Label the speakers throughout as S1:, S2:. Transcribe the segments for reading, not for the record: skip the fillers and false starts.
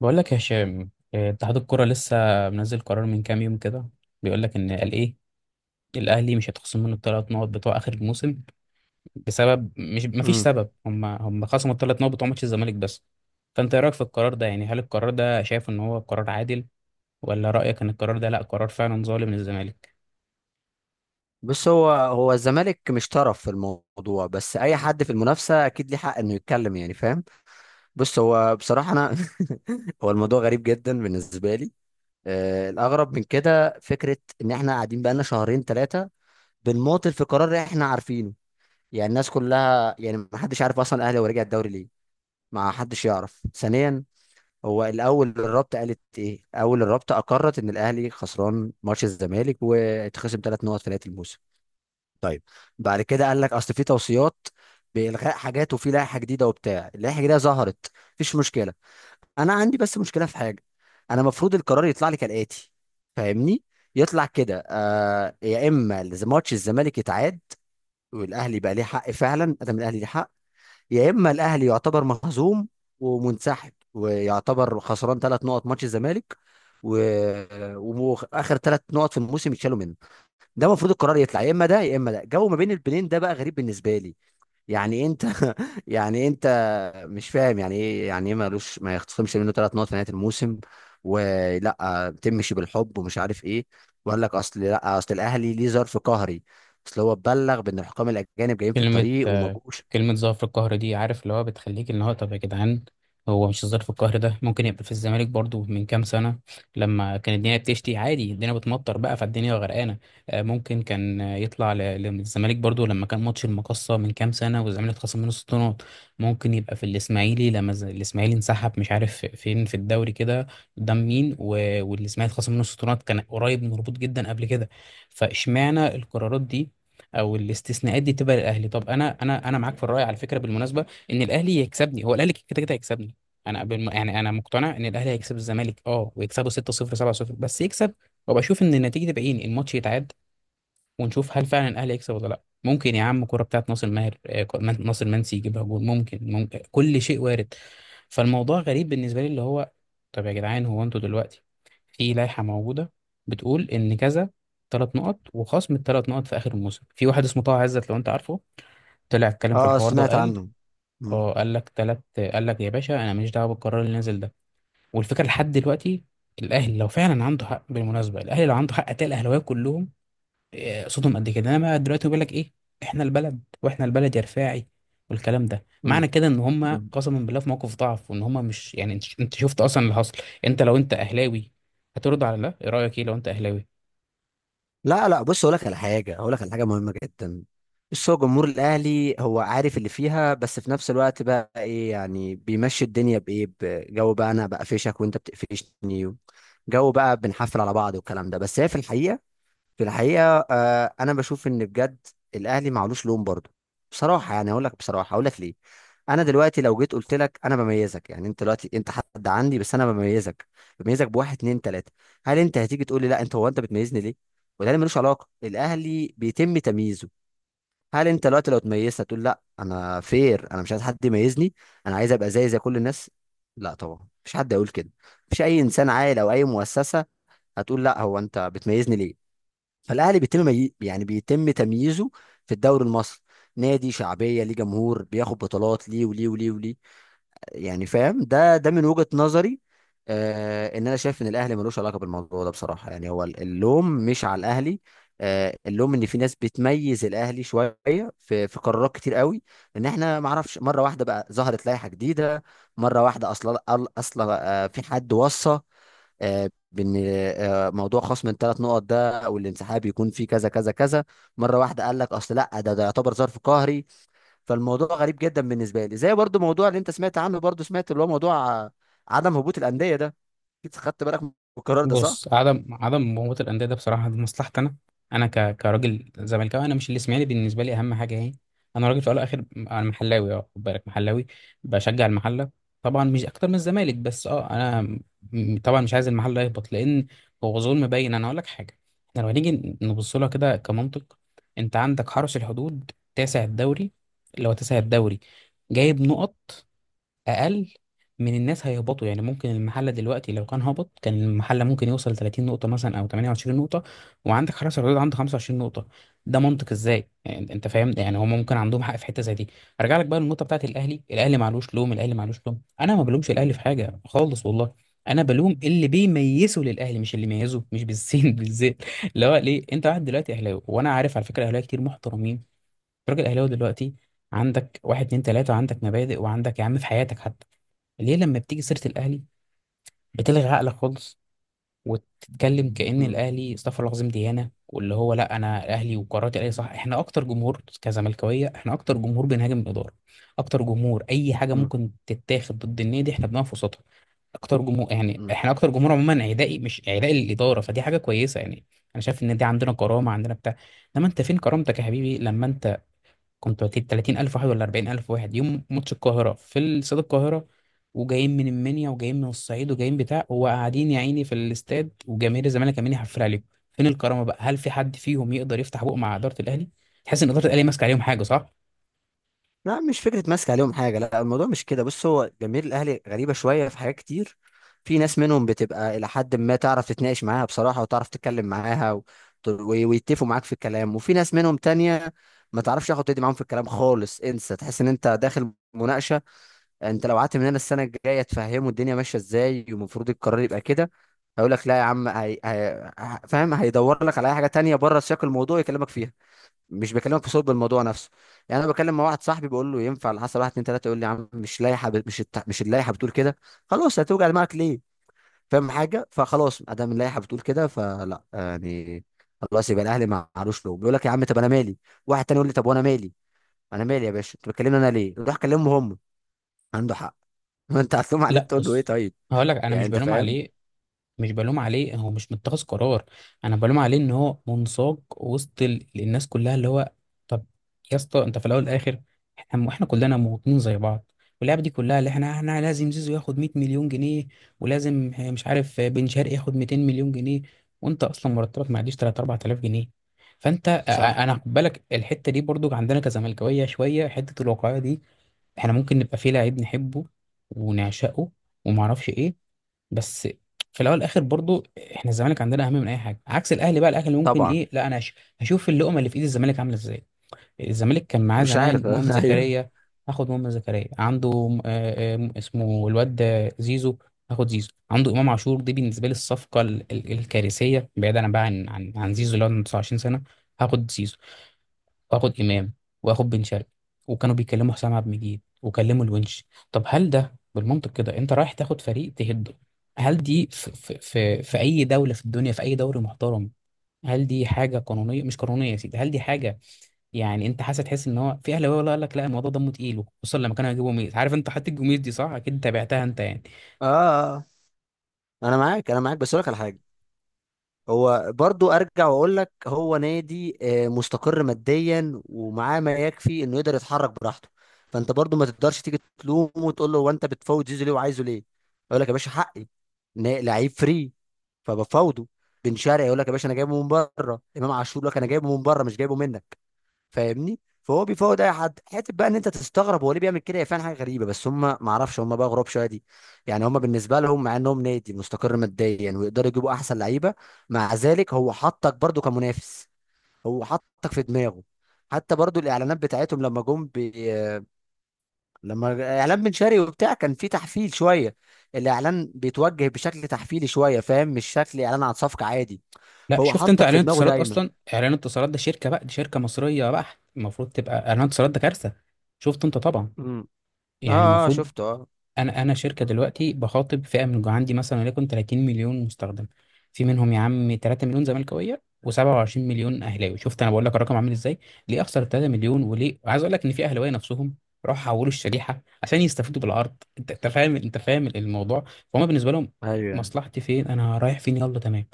S1: بقول لك يا هشام، اتحاد الكرة لسه منزل قرار من كام يوم كده. بيقول لك ان قال ايه، الاهلي مش هيتخصم منه الثلاث نقط بتوع اخر الموسم بسبب، مش مفيش
S2: امم
S1: سبب، هم خصموا الثلاث نقط بتوع ماتش الزمالك بس. فانت ايه رايك في القرار ده؟ يعني هل القرار ده، شايف ان هو قرار عادل، ولا رايك ان القرار ده لا قرار فعلا ظالم للزمالك؟
S2: بص هو الزمالك مش طرف في الموضوع، بس اي حد في المنافسه اكيد ليه حق انه يتكلم، يعني فاهم. بص هو بصراحه انا هو الموضوع غريب جدا بالنسبه لي. الاغرب من كده فكره ان احنا قاعدين بقالنا شهرين ثلاثه بنماطل في قرار احنا عارفينه. يعني الناس كلها، يعني ما حدش عارف اصلا الاهلي هو رجع الدوري ليه. ما حدش يعرف. ثانيا، هو الاول الرابطه قالت ايه؟ اول الرابطه اقرت ان الاهلي خسران ماتش الزمالك واتخصم ثلاث نقط في نهايه الموسم. طيب، بعد كده قال لك اصل في توصيات بإلغاء حاجات، وفي لائحة جديدة وبتاع. اللائحة الجديدة ظهرت، مفيش مشكلة. انا عندي بس مشكلة في حاجة. انا المفروض القرار يطلع لي كالآتي، فاهمني؟ يطلع كده، آه، يا اما ماتش الزمالك يتعاد، والاهلي بقى ليه حق فعلا، ادم الاهلي ليه حق. يا اما الاهلي يعتبر مهزوم ومنسحب ويعتبر خسران ثلاث نقط ماتش الزمالك، و... واخر ثلاث نقط في الموسم يتشالوا منه. ده المفروض القرار يطلع، يا اما ده يا اما ده. جو ما بين البنين ده بقى غريب بالنسبه لي. يعني انت يعني انت مش فاهم يعني ايه، ملوش ما يخصمش منه ثلاث نقط في نهايه الموسم، ولا تمشي بالحب ومش عارف ايه. وقال لك اصل لا، اصل الاهلي ليه ظرف قهري، اصل هو اتبلغ بان الحكام الاجانب جايين في
S1: كلمة
S2: الطريق وما
S1: آه،
S2: جوش.
S1: كلمة ظرف القهر دي، عارف اللي هو بتخليك، اللي هو طب يا جدعان، هو مش ظرف القهر ده ممكن يبقى في الزمالك برضو من كام سنة لما كان الدنيا بتشتي عادي، الدنيا بتمطر بقى فالدنيا غرقانة. ممكن كان، للزمالك برضو لما كان ماتش المقصة من كام سنة والزمالك اتخصم منه ست نقط. ممكن يبقى في الإسماعيلي لما الإسماعيلي انسحب مش عارف فين في الدوري كده قدام مين، والإسماعيلي اتخصم منه ست نقط كان قريب من الهبوط جدا قبل كده. فاشمعنى القرارات دي او الاستثناءات دي تبقى للاهلي؟ طب انا، انا معاك في الراي على فكره بالمناسبه، ان الاهلي يكسبني، هو الاهلي كده كده هيكسبني. يعني انا مقتنع ان الاهلي هيكسب الزمالك، اه ويكسبه 6-0 7-0 بس يكسب، وابقى اشوف ان النتيجه تبقى ايه، الماتش يتعاد ونشوف هل فعلا الاهلي يكسب ولا لا، ممكن يا عم كرة بتاعت ناصر ماهر، ناصر منسي يجيبها جول، ممكن كل شيء وارد. فالموضوع غريب بالنسبة لي، اللي هو طب يا جدعان هو انتوا دلوقتي في لائحة موجودة بتقول ان كذا، ثلاث نقط وخصم الثلاث نقط في اخر الموسم، في واحد اسمه طه عزت لو انت عارفه طلع اتكلم في
S2: اه،
S1: الحوار ده
S2: سمعت
S1: وقال،
S2: عنه. مم.
S1: اه قال لك ثلاث، قال لك يا باشا انا ماليش دعوه بالقرار اللي نازل ده. والفكره لحد دلوقتي، الاهلي لو فعلا عنده حق بالمناسبه، الاهلي لو عنده حق هتلاقي الاهلاويه كلهم صوتهم قد كده، انما دلوقتي بيقول لك ايه، احنا البلد واحنا البلد يا رفاعي، والكلام ده معنى كده ان هم
S2: مم.
S1: قسما بالله في موقف ضعف وان هم مش يعني، انت شفت اصلا اللي حصل. انت لو انت اهلاوي هترد على ده ايه؟ رايك ايه لو انت اهلاوي؟
S2: لا لا، بص، اقول لك على حاجه مهمه جدا. بص، هو جمهور الاهلي هو عارف اللي فيها، بس في نفس الوقت بقى ايه، يعني بيمشي الدنيا بايه؟ بجو بقى، انا بقفشك وانت بتقفشني، جو بقى، بنحفل على بعض، والكلام ده. بس هي في الحقيقه، في الحقيقة، أنا بشوف إن بجد الأهلي معلوش لوم برضه. بصراحة يعني، أقول لك بصراحة، أقول لك ليه. أنا دلوقتي لو جيت قلت لك أنا بميزك، يعني أنت دلوقتي أنت حد عندي، بس أنا بميزك، بواحد اتنين تلاتة. هل أنت هتيجي تقول لي: لا، أنت بتميزني ليه؟ والأهلي ملوش علاقة، الأهلي بيتم تمييزه. هل أنت دلوقتي لو اتميزت هتقول: لا، أنا فير، أنا مش عايز حد يميزني، أنا عايز أبقى زي كل الناس؟ لا طبعا، مفيش حد هيقول كده. مفيش أي إنسان عاقل أو أي مؤسسة هتقول: لا، هو أنت بتميزني ليه؟ فالاهلي بيتم يعني بيتم تمييزه في الدوري المصري. نادي شعبيه، ليه جمهور، بياخد بطولات، ليه وليه وليه وليه؟ يعني فاهم. ده من وجهه نظري. آه ان انا شايف ان الاهلي ملوش علاقه بالموضوع ده بصراحه. يعني هو اللوم مش على الاهلي، آه، اللوم ان في ناس بتميز الاهلي شويه، في قرارات كتير قوي. ان احنا ما اعرفش، مره واحده بقى ظهرت لائحه جديده، مره واحده اصلا، اصلا، في حد وصى، بان، موضوع خصم الثلاث نقط ده او الانسحاب يكون فيه كذا كذا كذا. مره واحده قال لك اصل لا، ده يعتبر ظرف قهري. فالموضوع غريب جدا بالنسبه لي، زي برضو موضوع اللي انت سمعت عنه، برضو سمعت، اللي هو موضوع، آه، عدم هبوط الانديه ده. اكيد خدت بالك من القرار ده، صح؟
S1: بص، عدم مهومه الانديه ده بصراحه دي مصلحتي انا، انا كراجل زملكاوي، انا مش الاسماعيلي بالنسبه لي اهم حاجه اهي، انا راجل في الاول والاخر، انا محلاوي، اه خد بالك محلاوي، بشجع المحله، طبعا مش اكتر من الزمالك بس اه، انا طبعا مش عايز المحله يهبط، لان هو ظلم باين. انا اقول لك حاجه، احنا لو هنيجي نبص لها كده كمنطق، انت عندك حرس الحدود تاسع الدوري، اللي هو تاسع الدوري، جايب نقط اقل من الناس هيهبطوا، يعني ممكن المحل دلوقتي لو كان هبط كان المحل ممكن يوصل 30 نقطة مثلا او 28 نقطة، وعندك حرس الحدود عنده 25 نقطة، ده منطق ازاي يعني؟ انت فاهم يعني هم ممكن عندهم حق في حتة زي دي. ارجع لك بقى للنقطة بتاعت الاهلي، الاهلي معلوش لوم، الاهلي معلوش لوم، انا ما بلومش الاهلي في حاجة خالص والله، انا بلوم اللي بيميزه للاهلي، مش اللي بيميزه مش بالسين بالزين، اللي هو ليه انت واحد دلوقتي اهلاوي، وانا عارف على فكرة اهلاوي كتير محترمين، راجل اهلاوي دلوقتي عندك واحد اتنين تلاتة، عندك مبادئ وعندك يا عم في حياتك حتى، ليه لما بتيجي سيرة الأهلي بتلغي عقلك خالص، وتتكلم كأن
S2: مم.
S1: الأهلي استغفر الله العظيم ديانة، واللي هو لا أنا الأهلي وقراراتي الأهلي صح. إحنا أكتر جمهور كزملكاوية، إحنا أكتر جمهور بنهاجم الإدارة، أكتر جمهور أي حاجة
S2: مم.
S1: ممكن تتاخد ضد النادي إحنا بنقف وسطها، أكتر جمهور يعني،
S2: مم.
S1: إحنا أكتر جمهور عموما عدائي، مش عدائي للإدارة فدي حاجة كويسة يعني، أنا شايف إن دي عندنا كرامة، عندنا بتاع. إنما أنت فين كرامتك يا حبيبي لما أنت كنت 30 ألف واحد ولا 40 ألف واحد يوم ماتش القاهرة في استاد القاهرة، وجايين من المنيا وجايين من الصعيد وجايين بتاع، وقاعدين يا عيني في الاستاد وجماهير الزمالك عمالين يحفل عليهم، فين الكرامة بقى؟ هل في حد فيهم يقدر يفتح بقه مع إدارة الأهلي؟ تحس إن إدارة الأهلي ماسكة عليهم حاجة، صح.
S2: لا، مش فكرة ماسك عليهم حاجة، لا الموضوع مش كده. بص، هو جماهير الأهلي غريبة شوية في حاجات كتير. في ناس منهم بتبقى إلى حد ما تعرف تتناقش معاها بصراحة، وتعرف تتكلم معاها ويتفقوا معاك في الكلام. وفي ناس منهم تانية ما تعرفش ياخد تدي معاهم في الكلام خالص، انسى. تحس ان انت داخل مناقشة، انت لو قعدت من هنا السنة الجاية تفهمه الدنيا ماشية ازاي والمفروض القرار يبقى كده، هيقول لك لا يا عم، فاهم؟ هيدور لك على اي حاجة تانية بره سياق الموضوع يكلمك فيها، مش بكلمك في صلب الموضوع نفسه. يعني انا بكلم مع واحد صاحبي بقول له: ينفع على حسب واحد اتنين تلاته؟ يقول لي: يا عم، مش لائحه مش اللائحه بتقول كده؟ خلاص، هتوجع دماغك ليه؟ فاهم حاجه؟ فخلاص، ما دام اللائحه بتقول كده، فلا يعني، خلاص، يبقى الاهلي ما علوش له. بيقول لك: يا عم، طب انا مالي؟ واحد تاني يقول لي: طب وانا مالي؟ انا مالي يا باشا، انت بتكلمني انا ليه؟ روح كلمهم هم. عنده حق. ما انت هتلوم عليه،
S1: لا
S2: تقول له ايه؟
S1: بص،
S2: طيب،
S1: هقول لك انا
S2: يعني
S1: مش
S2: انت
S1: بلوم
S2: فاهم.
S1: عليه، مش بلوم عليه، هو مش متخذ قرار، انا بلوم عليه ان هو منساق وسط الناس كلها، اللي هو طب يا اسطى انت في الاول والاخر، احنا كلنا مواطنين زي بعض، واللعبه دي كلها اللي احنا لازم زيزو ياخد 100 مليون جنيه، ولازم مش عارف بن شرقي ياخد 200 مليون جنيه، وانت اصلا مرتبك ما يعديش 3 4000 جنيه، فانت أ- أ-
S2: صح،
S1: انا خد بالك الحته دي برضو عندنا كزملكاويه شويه، حته الواقعيه دي، احنا ممكن نبقى في لعيب نحبه ونعشقه وما اعرفش ايه، بس في الاول والاخر برضو احنا الزمالك عندنا اهم من اي حاجه عكس الاهلي بقى، الاهلي ممكن
S2: طبعا.
S1: ايه، لا انا هشوف اللقمه اللي في ايد الزمالك عامله ازاي. الزمالك كان معاه
S2: مش
S1: زمان
S2: عارف.
S1: مؤمن
S2: ايوه.
S1: زكريا، هاخد مؤمن زكريا عنده، اسمه الواد زيزو، هاخد زيزو عنده امام عاشور، دي بالنسبه لي الصفقه الكارثيه بعيدا بقى عن زيزو اللي هو عنده 29 سنه، هاخد زيزو واخد امام واخد بن شرقي، وكانوا بيكلموا حسام عبد المجيد وكلموا الونش. طب هل ده بالمنطق كده انت رايح تاخد فريق تهده؟ هل دي في اي دوله في الدنيا في اي دوري محترم؟ هل دي حاجه قانونيه مش قانونيه يا سيدي؟ هل دي حاجه يعني انت حاسس، تحس ان هو في اهلاويه ولا، قال لك لا الموضوع دمه تقيل، خصوصا لما كانوا هيجيبوا ميز، عارف انت حاطط الجوميز دي صح اكيد تابعتها انت يعني؟
S2: اه. انا معاك، انا معاك، بس اقول لك على حاجه. هو برضو ارجع واقول لك، هو نادي، مستقر ماديا، ومعاه ما يكفي انه يقدر يتحرك براحته. فانت برضو ما تقدرش تيجي تلومه وتقول له: هو انت بتفوت زيزو ليه، وعايزه ليه؟ يقول لك: يا باشا، حقي، لعيب فري، فبفاوضه. بن شرقي يقول لك: يا باشا، انا جايبه من بره. امام عاشور يقول لك: انا جايبه من بره، مش جايبه منك. فاهمني؟ فهو بيفاوض اي حد. حته بقى ان انت تستغرب هو ليه بيعمل كده، هي فعلا حاجه غريبه. بس هم ما اعرفش، هم بقى غراب شويه دي. يعني هم بالنسبه لهم، مع انهم نادي مستقر ماديا، يعني ويقدروا يجيبوا احسن لعيبه، مع ذلك هو حطك برضو كمنافس، هو حطك في دماغه. حتى برضو الاعلانات بتاعتهم لما جم لما اعلان بن شرقي وبتاع كان في تحفيل شويه. الاعلان بيتوجه بشكل تحفيلي شويه، فاهم؟ مش شكل اعلان عن صفقه عادي.
S1: لا
S2: فهو
S1: شفت انت
S2: حطك في
S1: اعلان
S2: دماغه
S1: اتصالات،
S2: دايما.
S1: اصلا اعلان اتصالات ده شركه بقى، دي شركه مصريه بقى، المفروض تبقى اعلان اتصالات ده كارثه. شفت انت طبعا
S2: امم.
S1: يعني
S2: اه اه،
S1: المفروض،
S2: شفته، اه.
S1: انا شركه دلوقتي بخاطب فئه من عندي مثلا وليكن 30 مليون مستخدم، في منهم يا عم 3 مليون زملكاويه و27 مليون اهلاوي، شفت انا بقول لك الرقم عامل ازاي؟ ليه اخسر 3 مليون؟ وليه عايز اقول لك ان في اهلاويه نفسهم راحوا حولوا الشريحه عشان يستفيدوا بالعرض، أنت فاهم انت فاهم الموضوع، فهم بالنسبه لهم
S2: ايوه.
S1: مصلحتي فين؟ انا رايح فين؟ يلا تمام.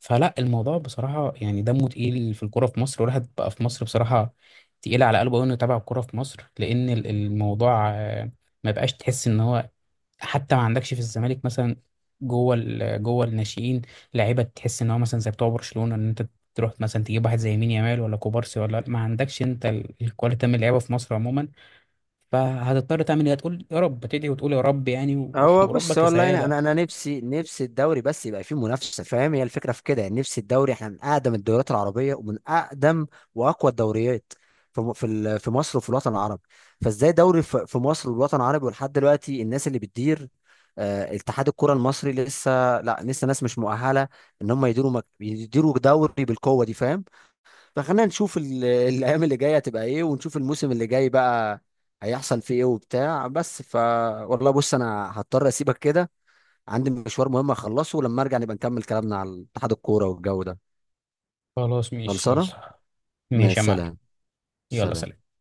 S1: فلا الموضوع بصراحة يعني دمه تقيل في الكورة في مصر، والواحد بقى في مصر بصراحة تقيل على قلبه أوي إنه يتابع الكورة في مصر لأن الموضوع ما بقاش تحس إن هو، حتى ما عندكش في الزمالك مثلا جوه جوه الناشئين لعيبه، تحس ان هو مثلا زي بتوع برشلونه، ان انت تروح مثلا تجيب واحد زي مين يامال ولا كوبارسي، ولا ما عندكش انت الكواليتي من اللعيبه في مصر عموما، فهتضطر تعمل ايه؟ هتقول يا رب، تدعي وتقول يا رب يعني،
S2: هو بص،
S1: وربك
S2: والله، انا
S1: رسالة.
S2: انا أنا نفسي، الدوري بس يبقى فيه منافسه، فاهم؟ هي الفكره في كده. يعني نفسي الدوري، احنا من اقدم الدوريات العربيه ومن اقدم واقوى الدوريات في في مصر وفي الوطن العربي. فازاي دوري في مصر والوطن العربي، ولحد دلوقتي الناس اللي بتدير، اتحاد الكره المصري، لا لسه ناس مش مؤهله ان هم يديروا يديروا دوري بالقوه دي، فاهم؟ فخلينا نشوف الايام اللي جايه هتبقى ايه، ونشوف الموسم اللي جاي بقى هيحصل فيه ايه وبتاع. بس ف، والله بص، انا هضطر اسيبك كده، عندي مشوار مهم اخلصه. ولما ارجع نبقى نكمل كلامنا على اتحاد الكوره والجو ده.
S1: خلاص ماشي
S2: خلصانه.
S1: يلا،
S2: مع
S1: ماشي يا معلم،
S2: السلامه.
S1: يلا
S2: سلام.
S1: سلام.